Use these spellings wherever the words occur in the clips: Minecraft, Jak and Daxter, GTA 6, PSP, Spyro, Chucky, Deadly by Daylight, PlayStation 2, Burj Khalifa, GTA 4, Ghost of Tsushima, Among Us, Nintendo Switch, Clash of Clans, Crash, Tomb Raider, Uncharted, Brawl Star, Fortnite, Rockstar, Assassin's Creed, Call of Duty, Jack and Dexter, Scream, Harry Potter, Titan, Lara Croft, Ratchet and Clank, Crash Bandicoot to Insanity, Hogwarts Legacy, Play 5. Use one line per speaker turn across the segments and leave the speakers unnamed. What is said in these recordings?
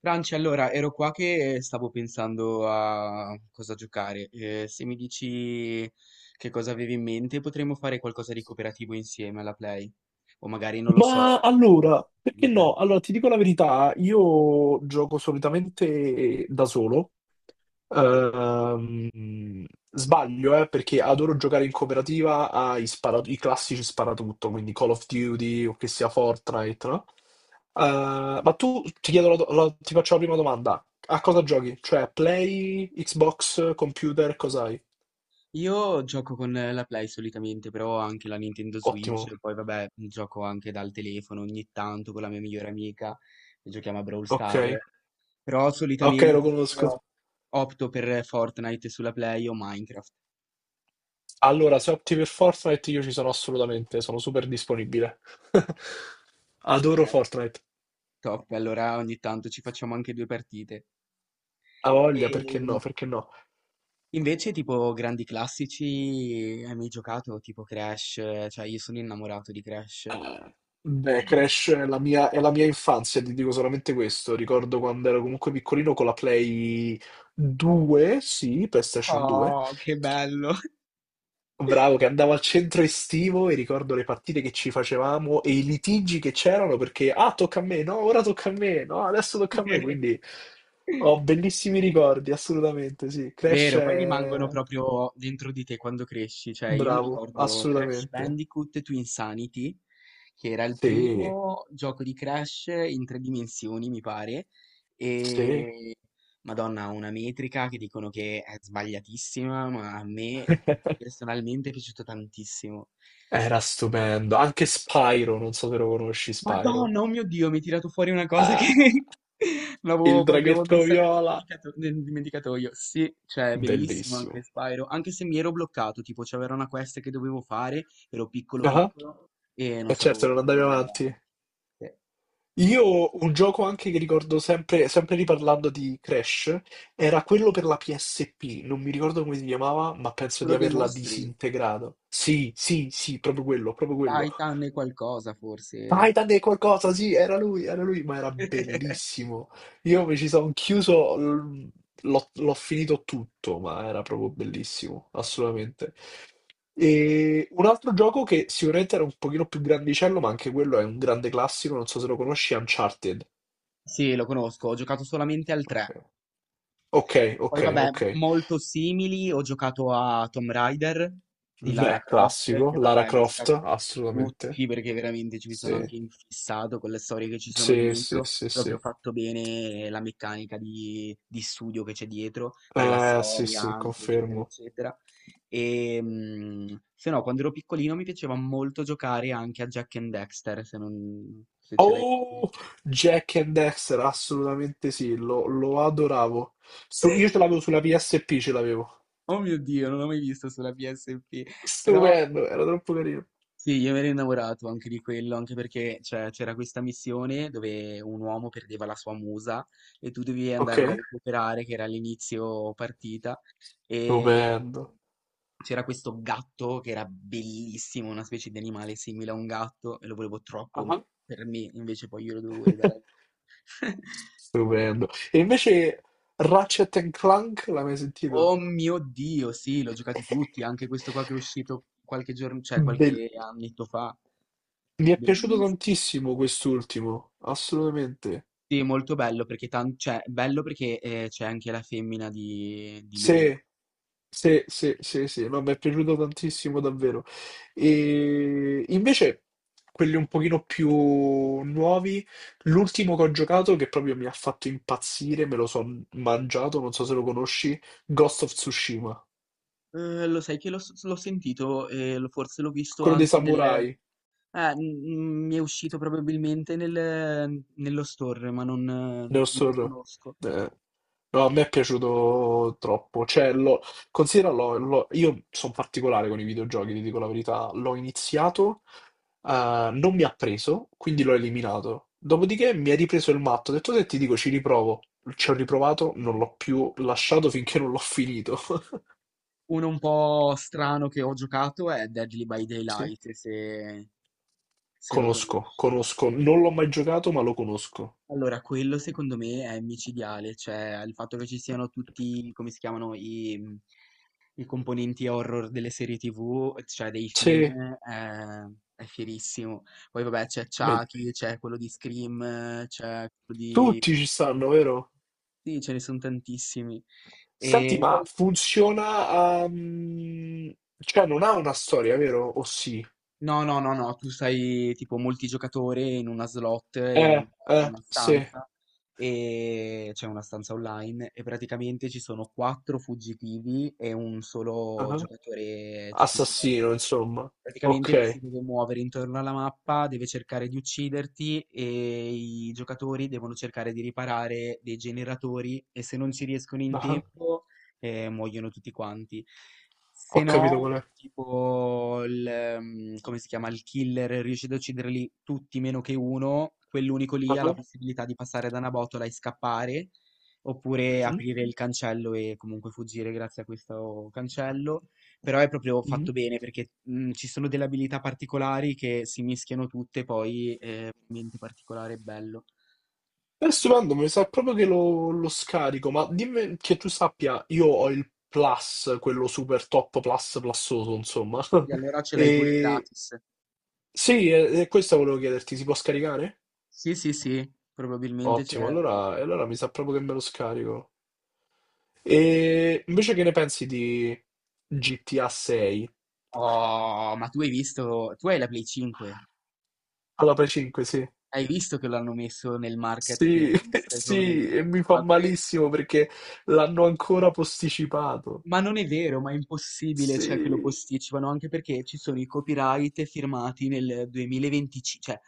Franci, allora ero qua che stavo pensando a cosa giocare. Se mi dici che cosa avevi in mente, potremmo fare qualcosa di cooperativo insieme alla Play. O magari non lo
Ma
so, con la
allora, perché
computer.
no? Allora, ti dico la verità, io gioco solitamente da solo. Ehm, sbaglio, perché adoro giocare in cooperativa i classici sparatutto, quindi Call of Duty o che sia Fortnite, no? Ma tu, ti chiedo ti faccio la prima domanda. A cosa giochi? Cioè, Play, Xbox, computer, cos'hai?
Io gioco con la Play solitamente, però ho anche la Nintendo Switch,
Ottimo.
poi vabbè, gioco anche dal telefono ogni tanto con la mia migliore amica, che giochiamo a Brawl
Ok.
Star. Però
Ok, lo
solitamente
conosco.
ho- opto per Fortnite sulla Play o Minecraft.
Allora, se opti per Fortnite io ci sono assolutamente, sono super disponibile. Adoro
Eh.
Fortnite.
Top, allora ogni tanto ci facciamo anche due partite.
A voglia, perché
E
no? Perché no?
invece tipo grandi classici, hai mai giocato tipo Crash? Cioè io sono innamorato di Crash.
Eh, beh, Crash è la mia infanzia, ti dico solamente questo. Ricordo quando ero comunque piccolino con la Play 2, sì, PlayStation 2.
Oh, che bello!
Bravo, che andavo al centro estivo e ricordo le partite che ci facevamo e i litigi che c'erano perché, ah, tocca a me, no, ora tocca a me, no, adesso tocca a me, quindi ho bellissimi ricordi, assolutamente, sì. Crash
Vero, poi rimangono
è
proprio dentro di te quando cresci, cioè io mi
bravo,
ricordo Crash
assolutamente.
Bandicoot to Insanity, che era il
Sì,
primo gioco di Crash in tre dimensioni, mi pare,
sì.
e Madonna, ha una metrica che dicono che è sbagliatissima, ma a me personalmente è piaciuto tantissimo.
Era stupendo. Anche Spyro, non so se lo conosci, Spyro.
Madonna, oh mio Dio, mi hai tirato fuori una cosa che
Ah, il
l'avevo proprio
draghetto
messa
viola,
nel dimenticatoio. Sì, cioè, è bellissimo anche
bellissimo.
Spyro, anche se mi ero bloccato, tipo c'era una quest che dovevo fare, ero piccolo
Ah,
piccolo e non
e
sapevo
certo, non
più come
andavi
andare avanti.
avanti.
Sì.
Io un gioco anche che ricordo sempre, sempre riparlando di Crash, era quello per la PSP, non mi ricordo come si chiamava, ma penso di
Quello dei
averla
mostri,
disintegrato. Sì, sì, sì, proprio quello, proprio quello.
Titan e qualcosa forse era.
Titan è qualcosa, sì, era lui, ma era bellissimo. Io mi ci sono chiuso, l'ho finito tutto, ma era proprio bellissimo, assolutamente. E un altro gioco che sicuramente era un pochino più grandicello, ma anche quello è un grande classico, non so se lo conosci, è Uncharted.
Sì, lo conosco, ho giocato solamente al
Ok,
3.
ok,
Poi
ok,
vabbè,
ok.
molto simili, ho giocato a Tomb Raider di Lara
Beh,
Croft, che
classico. Lara
vabbè, ne ho
Croft,
giocati
assolutamente.
tutti perché veramente ci mi sono
Sì,
anche infissato con le storie che ci sono
sì, sì,
dietro,
sì,
proprio
sì.
fatto bene la meccanica di studio che c'è dietro, della
Sì,
storia
sì,
anche, eccetera,
confermo.
eccetera. E se no, quando ero piccolino mi piaceva molto giocare anche a Jack and Dexter, se ce l'hai presente.
Oh, Jack and Dexter, assolutamente sì, lo, lo adoravo. Io ce l'avevo sulla PSP, ce l'avevo.
Oh mio Dio, non l'ho mai visto sulla PSP, però...
Stupendo, era troppo carino.
Sì, io mi ero innamorato anche di quello, anche perché cioè, c'era questa missione dove un uomo perdeva la sua musa e tu dovevi
Ok,
andarla a recuperare, che era all'inizio partita, e
stupendo.
c'era questo gatto che era bellissimo, una specie di animale simile a un gatto, e lo volevo troppo
Ah.
per me, invece poi io lo dovevo ridare.
Stupendo. E invece Ratchet and Clank, l'hai mai sentito?
Oh mio Dio, sì, l'ho giocati tutti, anche questo qua che è uscito qualche giorno, cioè qualche
Bellissimo.
annetto fa,
Mi è piaciuto
bellissimo.
tantissimo quest'ultimo, assolutamente.
Sì, molto bello perché tan cioè, bello perché, c'è anche la femmina di lui.
Se, se, se, se, se, no, mi è piaciuto tantissimo davvero. E invece quelli un pochino più nuovi, l'ultimo che ho giocato che proprio mi ha fatto impazzire, me lo sono mangiato, non so se lo conosci, Ghost of Tsushima,
Lo sai che l'ho sentito e l forse l'ho visto
quello dei
anche nel
samurai.
mi è uscito probabilmente nello store, ma non non lo
Neostor,
conosco.
eh, no, a me è piaciuto troppo. Cioè, lo, considera, io sono particolare con i videogiochi, ti dico la verità. L'ho iniziato, non mi ha preso, quindi l'ho eliminato. Dopodiché mi ha ripreso il matto, ho detto te ti dico ci riprovo. Ci ho riprovato, non l'ho più lasciato finché non l'ho finito.
Uno un po' strano che ho giocato è Deadly by
Sì.
Daylight, se lo
Conosco,
conosci.
conosco. Non l'ho mai giocato, ma lo conosco.
Allora, quello secondo me è micidiale, cioè il fatto che ci siano tutti come si chiamano, i componenti horror delle serie TV, cioè dei film,
Sì,
è, è fierissimo. Poi vabbè c'è
beh,
Chucky, c'è quello di Scream, c'è quello di...
tutti ci stanno, vero?
Sì, ce ne sono tantissimi.
Senti,
E
ma
poi...
funziona, cioè, non ha una storia, vero? O sì?
No, no, no, no, tu sei tipo multigiocatore in una slot, in una
Sì.
stanza, e c'è una stanza online, e praticamente ci sono quattro fuggitivi e un solo
Ah,
giocatore killer.
assassino, insomma.
Praticamente lui si
Ok.
deve muovere intorno alla mappa, deve cercare di ucciderti e i giocatori devono cercare di riparare dei generatori e se non ci riescono in
Ah,
tempo, muoiono tutti quanti. Se
ho capito
no,
qual è.
tipo come si chiama, il killer riesce ad ucciderli tutti meno che uno, quell'unico lì ha la
Ah,
possibilità di passare da una botola e scappare oppure
mhm,
aprire il cancello e comunque fuggire grazie a questo cancello. Però è proprio
mhm.
fatto bene perché ci sono delle abilità particolari che si mischiano tutte, poi è veramente particolare e bello.
È stupendo, mi sa proprio che lo scarico, ma dimmi che tu sappia, io ho il plus, quello super top plus plussoso, insomma.
E allora ce l'hai pure
E
gratis.
sì, e questo volevo chiederti, si può scaricare?
Sì, sì, sì, probabilmente c'è.
Ottimo, allora, e allora mi sa proprio che me lo scarico. E invece che ne pensi di GTA 6?
Oh, ma tu hai visto, tu hai la Play 5,
Alla Play 5, sì.
hai visto che l'hanno messo nel
Sì,
marketplace, come...
sì, e mi fa
ma que-
malissimo perché l'hanno ancora posticipato.
Ma non è vero, ma è impossibile, cioè, che lo
Sì.
posticipano, anche perché ci sono i copyright firmati nel 2025, cioè,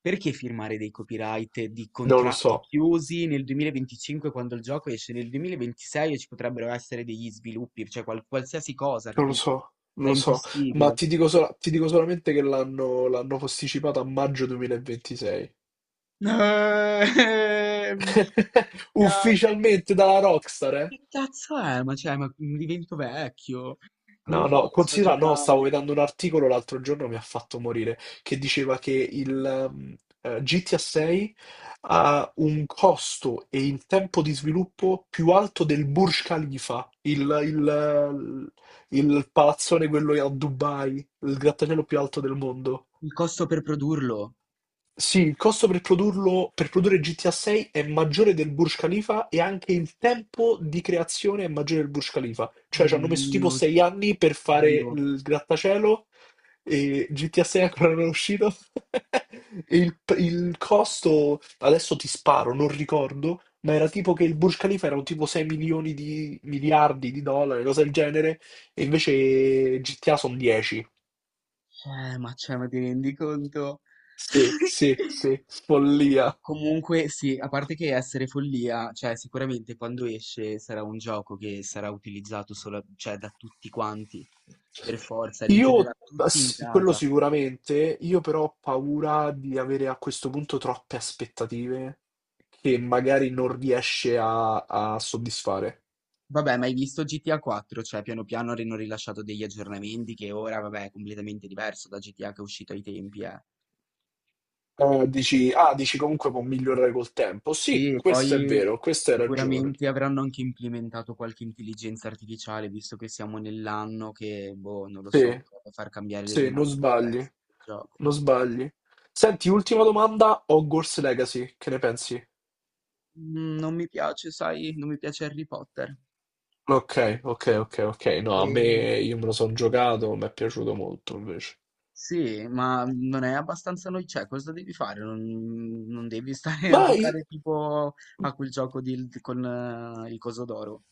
perché firmare dei copyright di
Non lo so,
contratti chiusi nel 2025 quando il gioco esce nel 2026 e ci potrebbero essere degli sviluppi, cioè qualsiasi cosa,
non lo
capito?
so, non
È
lo so, ma
impossibile.
ti dico, ti dico solamente che l'hanno posticipato a maggio 2026.
Eh, minchia, che
Ufficialmente dalla Rockstar, eh?
che cazzo è? Ma cioè, ma divento vecchio. Come
No, no,
faccio a
considera, no, stavo
giocare?
vedendo un articolo l'altro giorno, mi ha fatto morire, che diceva che il GTA 6 ha un costo e il tempo di sviluppo più alto del Burj Khalifa, il palazzone quello a Dubai, il grattacielo più alto del mondo.
Il costo per produrlo?
Sì, il costo per produrlo, per produrre GTA 6 è maggiore del Burj Khalifa e anche il tempo di creazione è maggiore del Burj Khalifa. Cioè ci hanno messo tipo
Mio
6 anni per fare
Dio,
il grattacielo e GTA 6 ancora non è uscito. E il costo, adesso ti sparo, non ricordo, ma era tipo che il Burj Khalifa erano tipo 6 milioni di miliardi di dollari, cose del genere, e invece GTA sono 10.
ma cioè, ma ti rendi conto?
Sì, sì, sì, follia.
Comunque, sì, a parte che essere follia, cioè, sicuramente quando esce sarà un gioco che sarà utilizzato solo, cioè, da tutti quanti, per forza, rinchiuderà
Io,
tutti in
quello
casa.
sicuramente, io però ho paura di avere a questo punto troppe aspettative che magari non riesce a soddisfare.
Vabbè, ma hai visto GTA 4? Cioè, piano piano hanno rilasciato degli aggiornamenti che ora, vabbè, è completamente diverso da GTA che è uscito ai tempi, eh.
Dici, ah, dici comunque può migliorare col tempo. Sì,
Sì, e
questo è
poi
vero, questa hai ragione.
sicuramente avranno anche implementato qualche intelligenza artificiale, visto che siamo nell'anno che, boh, non lo so,
Sì,
potrebbe far cambiare le
sì, non
dinamiche del
sbagli,
resto del gioco.
non sbagli. Senti, ultima domanda, Hogwarts Legacy, che ne pensi?
Mm, non mi piace, sai, non mi piace Harry Potter.
Ok, ok, ok, ok. No, a me
E
io me lo sono giocato, mi è piaciuto molto invece.
sì, ma non è abbastanza noi, cioè, cosa devi fare? Non devi stare a
Ma i-
giocare tipo a quel con il coso d'oro.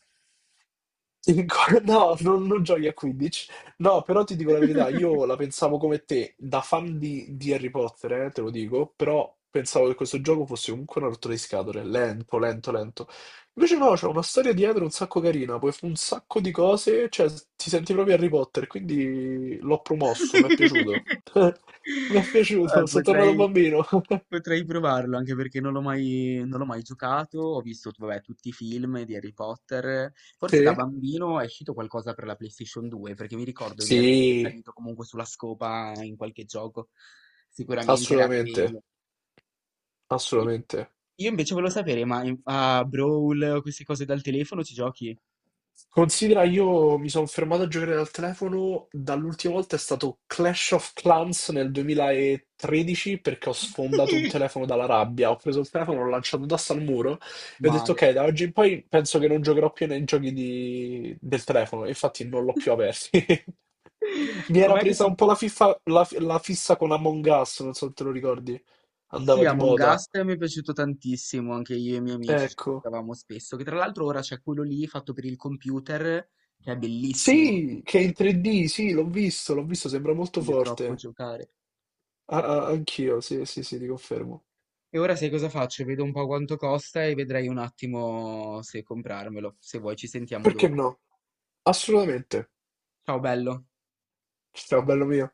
No, non giochi a 15. No, però ti dico la verità, io la pensavo come te, da fan di Harry Potter, te lo dico, però pensavo che questo gioco fosse comunque una rottura di scatole, lento, lento, lento. Invece no, c'è una storia dietro un sacco carina, puoi fare un sacco di cose, cioè ti senti proprio Harry Potter, quindi l'ho promosso, mi è piaciuto. Mi è piaciuto, sono tornato
Potrei.
bambino.
Potrei provarlo anche perché non l'ho mai giocato. Ho visto, vabbè, tutti i film di Harry Potter. Forse da
Sì?
bambino è uscito qualcosa per la PlayStation 2, perché mi ricordo di essere
Sì,
salito comunque sulla scopa in qualche gioco. Sicuramente era
assolutamente.
quello. E
Assolutamente.
io invece volevo sapere, ma a Brawl o queste cose dal telefono ci giochi?
Considera, io mi sono fermato a giocare dal telefono, dall'ultima volta è stato Clash of Clans nel 2013 perché ho sfondato un telefono dalla rabbia, ho preso il telefono, l'ho lanciato d'asta al muro e ho detto
Male.
ok, da oggi in poi penso che non giocherò più nei giochi del telefono, e infatti non l'ho più aperto. Mi era
Com'è che
presa
si...
un po' la, fiffa- la la fissa con Among Us, non so se te lo ricordi,
Sì,
andava di
Among
moda.
Us mi è piaciuto tantissimo, anche io e i miei amici ci
Ecco.
giocavamo spesso, che tra l'altro ora c'è quello lì fatto per il computer, che è bellissimo,
Sì, che è in 3D, sì, l'ho visto, sembra molto
voglio troppo
forte.
giocare.
Ah, ah, anch'io, sì, sì, sì, ti confermo.
E ora sai cosa faccio? Vedo un po' quanto costa e vedrai un attimo se comprarmelo. Se vuoi ci sentiamo
Perché
dopo.
no? Assolutamente.
Ciao bello.
Ciao, bello mio.